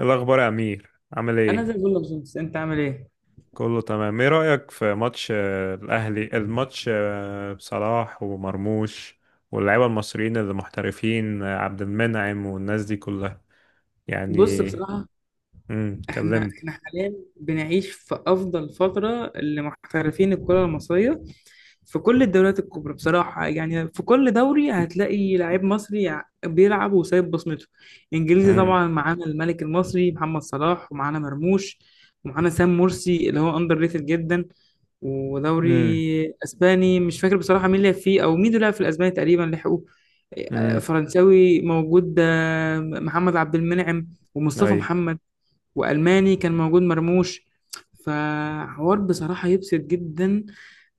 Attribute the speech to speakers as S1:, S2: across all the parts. S1: الأخبار يا أمير، عامل
S2: انا زي
S1: إيه؟
S2: الفل يا باشمهندس، انت عامل ايه؟
S1: كله تمام. إيه رأيك في ماتش الأهلي، الماتش بصلاح ومرموش، واللعيبة المصريين اللي محترفين، عبد المنعم والناس دي كلها، يعني.
S2: بصراحه احنا
S1: كلمني.
S2: احنا حاليا بنعيش في افضل فتره لمحترفين الكره المصريه. في كل الدوريات الكبرى بصراحه، يعني في كل دوري هتلاقي لعيب مصري بيلعب وسايب بصمته. انجليزي
S1: امم.
S2: طبعا معانا الملك المصري محمد صلاح ومعانا مرموش، ومعانا سام مرسي اللي هو اندر ريتد جدا. ودوري
S1: امم.
S2: اسباني مش فاكر بصراحه مين لعب فيه، او مين لعب في الاسباني تقريبا لحقوه.
S1: امم.
S2: فرنساوي موجود، محمد عبد المنعم ومصطفى
S1: أي.
S2: محمد. والماني كان موجود مرموش. فحوار بصراحه يبسط جدا،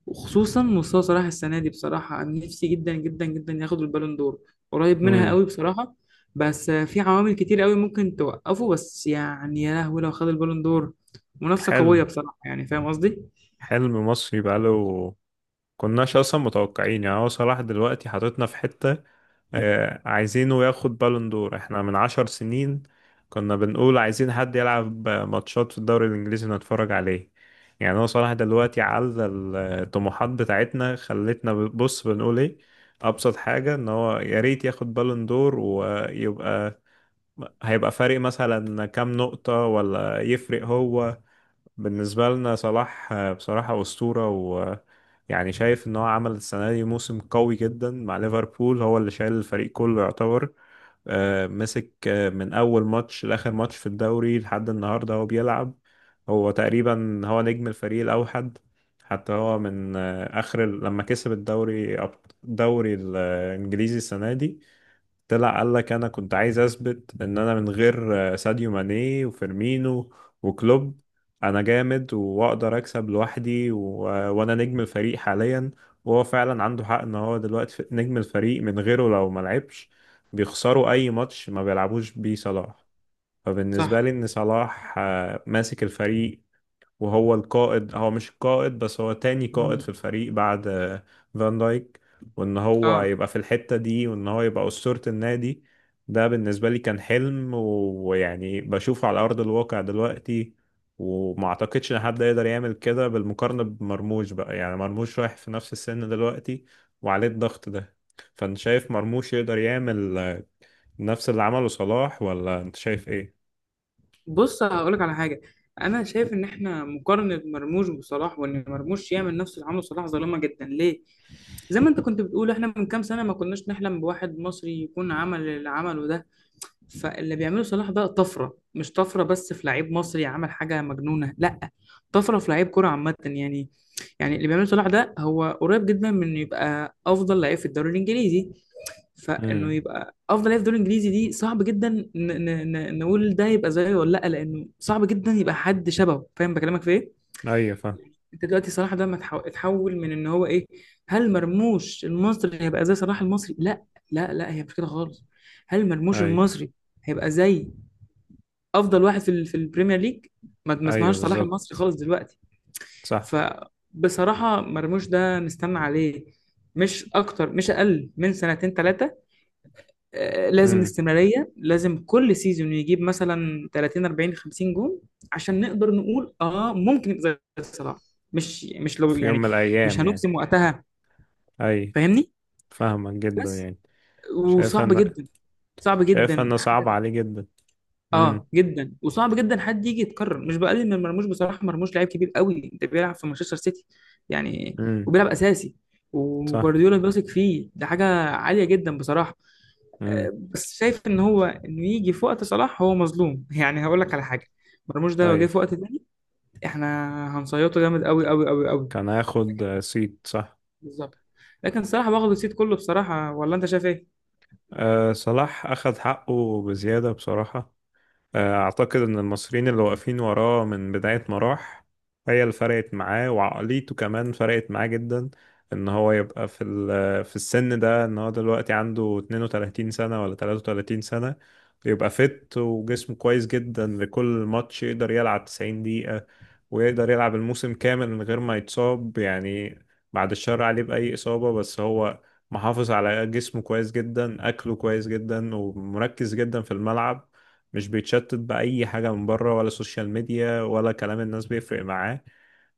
S2: وخصوصا مصطفى صلاح السنه دي. بصراحه أنا نفسي جدا جدا جدا ياخد البالون دور، قريب منها
S1: امم.
S2: قوي بصراحه. بس في عوامل كتير قوي ممكن توقفه، بس يعني يا لهوي لو خد البالون دور منافسه قويه
S1: حلم.
S2: بصراحه، يعني فاهم قصدي؟
S1: حلم مصري بقاله، كناش أصلا متوقعين. يعني هو صلاح دلوقتي حاططنا في حتة، عايزينه ياخد بالون دور احنا من عشر سنين. كنا بنقول عايزين حد يلعب ماتشات في الدوري الإنجليزي نتفرج عليه. يعني هو صلاح دلوقتي على الطموحات بتاعتنا خلتنا بص بنقول ايه، أبسط حاجة ان هو يا ريت ياخد بالون دور ويبقى، هيبقى فارق مثلا كام نقطة، ولا يفرق هو بالنسبة لنا. صلاح بصراحة أسطورة، ويعني شايف إن هو عمل السنة دي موسم قوي جدا مع ليفربول، هو اللي شايل الفريق كله يعتبر. مسك من أول ماتش لآخر ماتش في الدوري لحد النهاردة هو بيلعب، هو تقريبا هو نجم الفريق الأوحد. حتى هو من آخر لما كسب الدوري الدوري الإنجليزي السنة دي، طلع قال لك انا كنت عايز اثبت ان انا من غير ساديو ماني وفيرمينو وكلوب انا جامد واقدر اكسب لوحدي وانا نجم الفريق حاليا. وهو فعلا عنده حق ان هو دلوقتي نجم الفريق، من غيره لو ما لعبش بيخسروا اي ماتش ما بيلعبوش بيه صلاح.
S2: صح.
S1: فبالنسبة لي ان صلاح ماسك الفريق، وهو القائد، هو مش القائد بس، هو تاني قائد في الفريق بعد فان دايك. وان هو
S2: اه،
S1: يبقى في الحتة دي، وان هو يبقى أسطورة النادي، ده بالنسبة لي كان حلم ويعني بشوفه على أرض الواقع دلوقتي. وما اعتقدش ان حد يقدر يعمل كده بالمقارنة بمرموش بقى. يعني مرموش رايح في نفس السن دلوقتي وعليه الضغط ده، فانت شايف مرموش يقدر يعمل نفس اللي عمله صلاح، ولا انت شايف ايه؟
S2: بص هقولك على حاجه. انا شايف ان احنا مقارنه مرموش بصلاح، وان مرموش يعمل نفس اللي عمله صلاح ظالمه جدا ليه. زي ما انت كنت بتقول، احنا من كام سنه ما كناش نحلم بواحد مصري يكون عمل اللي عمله ده. فاللي بيعمله صلاح ده طفره، مش طفره بس في لعيب مصري عمل حاجه مجنونه، لا، طفره في لعيب كره عامه يعني. يعني اللي بيعمله صلاح ده هو قريب جدا من إنه يبقى افضل لعيب في الدوري الانجليزي. فانه
S1: امم
S2: يبقى افضل لاعب في الدوري الانجليزي دي صعب جدا نقول ده يبقى زيه ولا لا، لانه صعب جدا يبقى حد شبهه. فاهم بكلمك في ايه؟
S1: ايوه، فاهم.
S2: انت دلوقتي صلاح ده ما اتحول من ان هو ايه. هل مرموش المصري هيبقى زي صلاح المصري؟ لا، لا هي مش كده خالص. هل مرموش
S1: ايوه،
S2: المصري هيبقى زي افضل واحد في البريمير ليج؟ ما
S1: ايوه،
S2: اسمهاش صلاح المصري
S1: بالظبط.
S2: خالص دلوقتي.
S1: صح.
S2: فبصراحة مرموش ده نستنى عليه، مش اكتر مش اقل من سنتين ثلاثة. لازم
S1: امم.
S2: استمرارية، لازم كل سيزون يجيب مثلا 30 40 50 جون، عشان نقدر نقول اه ممكن يبقى زي صلاح. مش لو
S1: في يوم
S2: يعني،
S1: من
S2: مش
S1: الايام يعني.
S2: هنجزم وقتها.
S1: اي،
S2: فاهمني؟
S1: فاهمك جدا
S2: بس
S1: يعني. شايفها
S2: وصعب
S1: ان
S2: جدا، صعب
S1: شايفها
S2: جدا
S1: انه صعب
S2: حاجة.
S1: عليه جدا. امم.
S2: اه جدا، وصعب جدا حد يجي يتكرر. مش بقلل من مرموش بصراحة، مرموش لعيب كبير قوي، انت بيلعب في مانشستر سيتي يعني،
S1: امم.
S2: وبيلعب اساسي،
S1: صح.
S2: وجوارديولا بيثق فيه، ده حاجة عالية جدا بصراحة.
S1: امم.
S2: بس شايف ان هو انه يجي في وقت صلاح هو مظلوم يعني هقول لك على حاجه، مرموش ده لو
S1: اي.
S2: جه في وقت تاني، احنا هنصيطه جامد قوي قوي قوي قوي.
S1: كان هياخد سيت، صح.
S2: بالظبط. لكن صلاح واخد الصيت كله بصراحه، ولا انت شايف ايه؟
S1: أه، صلاح اخد حقه بزيادة بصراحة. أعتقد إن المصريين اللي واقفين وراه من بداية ما راح هي اللي فرقت معاه، وعقليته كمان فرقت معاه جدا. إن هو يبقى في في السن ده، إن هو دلوقتي عنده 32 سنة ولا 33 سنة، يبقى فت وجسمه كويس جدا لكل ماتش، يقدر يلعب 90 دقيقة ويقدر يلعب الموسم كامل من غير ما يتصاب يعني. بعد الشر عليه بأي إصابة، بس هو محافظ على جسمه كويس جدا، أكله كويس جدا، ومركز جدا في الملعب. مش بيتشتت بأي حاجة من بره، ولا سوشيال ميديا ولا كلام الناس بيفرق معاه.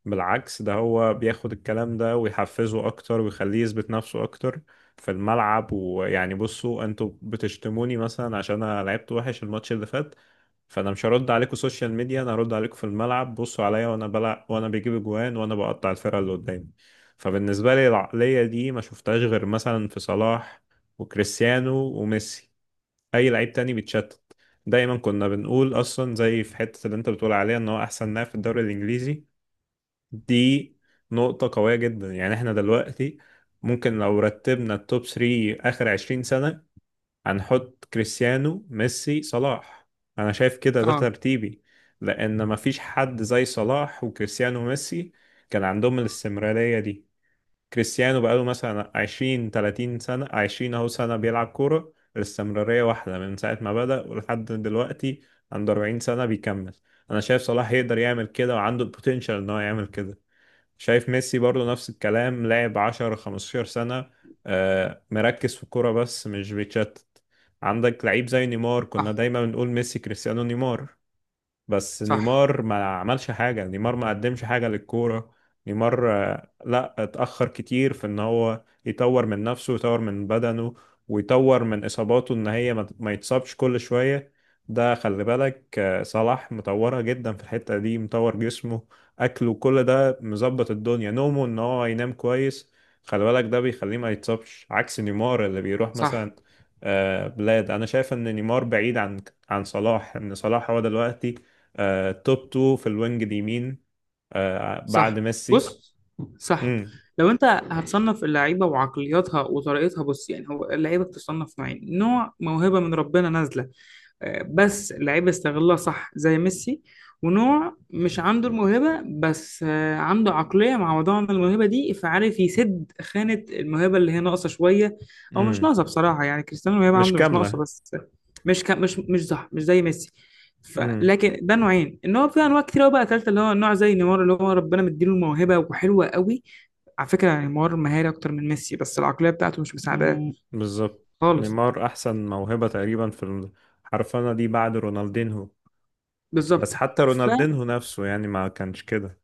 S1: بالعكس، ده هو بياخد الكلام ده ويحفزه أكتر، ويخليه يثبت نفسه أكتر في الملعب. ويعني، بصوا أنتوا بتشتموني مثلا عشان أنا لعبت وحش الماتش اللي فات، فأنا مش هرد عليكم سوشيال ميديا، أنا هرد عليكم في الملعب. بصوا عليا وأنا بلع، وأنا بجيب أجوان وأنا بقطع الفرقة اللي قدامي. فبالنسبة لي العقلية دي ما شفتهاش غير مثلا في صلاح وكريستيانو وميسي. اي لعيب تاني بيتشتت. دايما كنا بنقول اصلا، زي في حتة اللي انت بتقول عليها ان هو احسن لاعب في الدوري الانجليزي دي، نقطة قوية جدا. يعني احنا دلوقتي ممكن لو رتبنا التوب 3 اخر 20 سنة، هنحط كريستيانو، ميسي، صلاح. انا شايف كده، ده
S2: اه.
S1: ترتيبي، لان مفيش حد زي صلاح وكريستيانو وميسي كان عندهم الاستمرارية دي. كريستيانو بقاله مثلا 20 30 سنة، 20 أهو سنة بيلعب كورة، الاستمرارية واحدة من ساعة ما بدأ ولحد دلوقتي، عنده 40 سنة بيكمل. أنا شايف صلاح يقدر يعمل كده، وعنده البوتنشال إن هو يعمل كده. شايف ميسي برضه نفس الكلام، لاعب 10 15 سنة، مركز في الكورة بس مش بيتشتت. عندك لعيب زي نيمار، كنا
S2: صح.
S1: دايما بنقول ميسي كريستيانو نيمار، بس
S2: صح.
S1: نيمار ما عملش حاجة، نيمار ما قدمش حاجة للكورة. نيمار لا، اتأخر كتير في ان هو يطور من نفسه ويطور من بدنه، ويطور من اصاباته ان هي ما يتصابش كل شوية. ده خلي بالك، صلاح مطورها جدا في الحتة دي، مطور جسمه، اكله، كل ده مظبط الدنيا، نومه ان هو ينام كويس. خلي بالك ده بيخليه ما يتصابش عكس نيمار اللي بيروح
S2: صح.
S1: مثلا بلاد. انا شايف ان نيمار بعيد عن صلاح، ان صلاح هو دلوقتي توب 2 في الوينج اليمين،
S2: صح.
S1: بعد ميسي.
S2: بص. صح.
S1: امم.
S2: لو انت هتصنف اللعيبه وعقلياتها وطريقتها، بص يعني هو اللعيبه بتصنف نوعين: نوع موهبه من ربنا نازله بس اللعيبة استغلها صح زي ميسي، ونوع مش عنده الموهبة بس عنده عقلية معوضة عن الموهبة دي، فعارف يسد خانة الموهبة اللي هي ناقصة شوية. أو مش
S1: امم.
S2: ناقصة بصراحة، يعني كريستيانو الموهبة
S1: مش
S2: عنده مش ناقصة،
S1: كاملة.
S2: بس مش صح مش زي ميسي.
S1: امم.
S2: لكن ده نوعين، ان هو في انواع كتير قوي. بقى تالتة اللي هو النوع زي نيمار، اللي هو ربنا مديله الموهبة وحلوة قوي على فكرة. يعني نيمار مهاري اكتر من ميسي، بس العقلية بتاعته مش مساعداه.
S1: بالظبط.
S2: خالص.
S1: نيمار احسن موهبة تقريبا في الحرفنة دي بعد رونالدينهو، بس
S2: بالظبط.
S1: حتى رونالدينهو نفسه يعني ما كانش كده.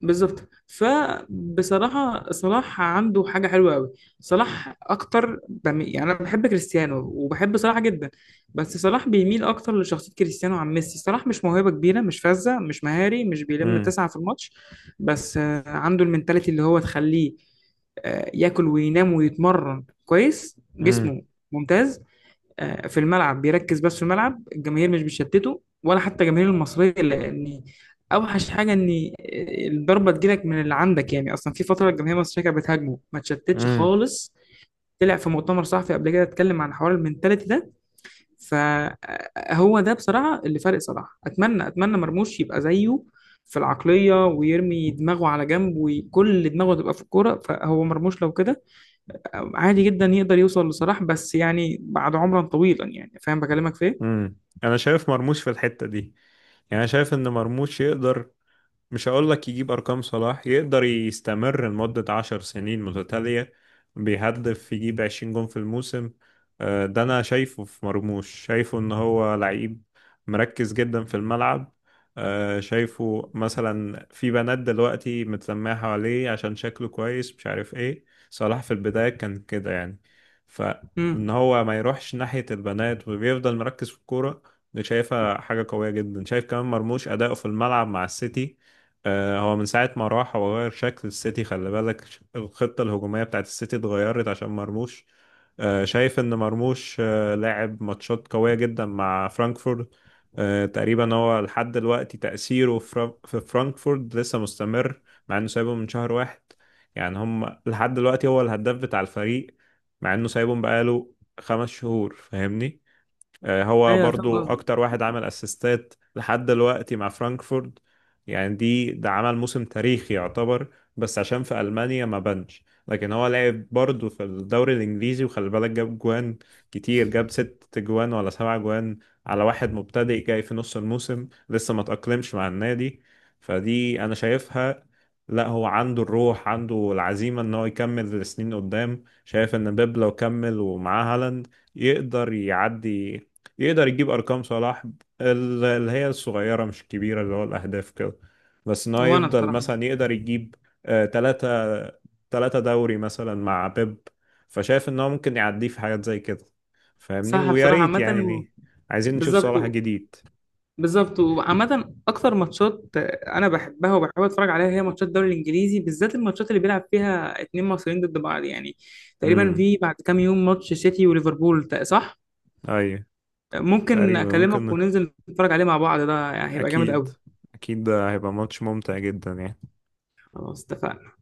S2: بالظبط. فبصراحة صلاح عنده حاجة حلوة قوي. صلاح أكتر يعني أنا بحب كريستيانو وبحب صلاح جدا، بس صلاح بيميل أكتر لشخصية كريستيانو عن ميسي. صلاح مش موهبة كبيرة، مش فذة، مش مهاري، مش بيلم
S1: امم.
S2: تسعة في الماتش، بس عنده المنتاليتي اللي هو تخليه ياكل وينام ويتمرن كويس،
S1: امم.
S2: جسمه ممتاز، في الملعب بيركز. بس في الملعب الجماهير مش بتشتته، ولا حتى الجماهير المصرية، لأن أوحش حاجة إن الضربة تجيلك من اللي عندك، يعني أصلا في فترة الجماهير المصرية كانت بتهاجمه ما تشتتش
S1: امم.
S2: خالص. طلع في مؤتمر صحفي قبل كده، اتكلم عن حوار المنتاليتي ده. فهو ده بصراحة اللي فارق صلاح. أتمنى أتمنى مرموش يبقى زيه في العقلية، ويرمي دماغه على جنب وكل دماغه تبقى في الكورة. فهو مرموش لو كده عادي جدا يقدر يوصل لصلاح، بس يعني بعد عمرا طويلا يعني. فاهم بكلمك في ايه؟
S1: امم. انا شايف مرموش في الحتة دي، يعني انا شايف ان مرموش يقدر، مش هقول لك يجيب أرقام صلاح، يقدر يستمر لمدة عشر سنين متتالية بيهدف يجيب عشرين جون في الموسم. ده أنا شايفه في مرموش، شايفه إن هو لعيب مركز جدا في الملعب. شايفه مثلا في بنات دلوقتي متلمعة حواليه عشان شكله كويس، مش عارف ايه، صلاح في البداية كان كده يعني، فإن
S2: امم.
S1: هو ما يروحش ناحية البنات وبيفضل مركز في الكورة. دي شايفها حاجة قوية جدا. شايف كمان مرموش أداؤه في الملعب مع السيتي، هو من ساعة ما راح هو غير شكل السيتي. خلي بالك الخطة الهجومية بتاعت السيتي اتغيرت عشان مرموش. شايف ان مرموش لاعب ماتشات قوية جدا مع فرانكفورت. تقريبا هو لحد دلوقتي تأثيره في في فرانكفورت لسه مستمر، مع انه سايبهم من شهر واحد. يعني هم لحد دلوقتي هو الهداف بتاع الفريق، مع انه سايبهم بقاله خمس شهور، فاهمني. هو
S2: ايوه فاهم
S1: برضو
S2: قصدي.
S1: اكتر واحد عمل اسيستات لحد دلوقتي مع فرانكفورت. يعني دي ده عمل موسم تاريخي يعتبر، بس عشان في المانيا ما بانش، لكن هو لعب برضو في الدوري الانجليزي وخلي بالك جاب جوان كتير، جاب ست جوان ولا سبع جوان، على واحد مبتدئ جاي في نص الموسم لسه ما تأقلمش مع النادي. فدي انا شايفها، لا هو عنده الروح، عنده العزيمة ان هو يكمل لسنين قدام. شايف ان بيب لو كمل ومعاه هالاند يقدر يعدي، يقدر يجيب ارقام صلاح، اللي هي الصغيره مش الكبيره اللي هو الاهداف كده، بس ان هو
S2: وانا
S1: يفضل
S2: بصراحه
S1: مثلا يقدر يجيب آه، تلاتة تلاتة دوري مثلا مع بيب، فشايف ان هو ممكن يعديه في حاجات زي كده. فاهمني،
S2: صح.
S1: ويا
S2: بصراحه
S1: ريت يعني
S2: عامه،
S1: عايزين نشوف صلاح
S2: بالظبط،
S1: جديد.
S2: بالظبط. وعامه اكتر ماتشات انا بحبها وبحب اتفرج عليها، هي ماتشات الدوري الانجليزي، بالذات الماتشات اللي بيلعب فيها اتنين مصريين ضد بعض يعني. تقريبا
S1: امم.
S2: في بعد كام يوم ماتش سيتي وليفربول صح؟
S1: ايوه،
S2: ممكن
S1: تقريبا
S2: اكلمك
S1: ممكن.
S2: وننزل نتفرج عليه مع بعض، ده يعني هيبقى جامد
S1: اكيد،
S2: قوي.
S1: اكيد ده هيبقى ماتش ممتع جدا يعني.
S2: خلاص اتفقنا.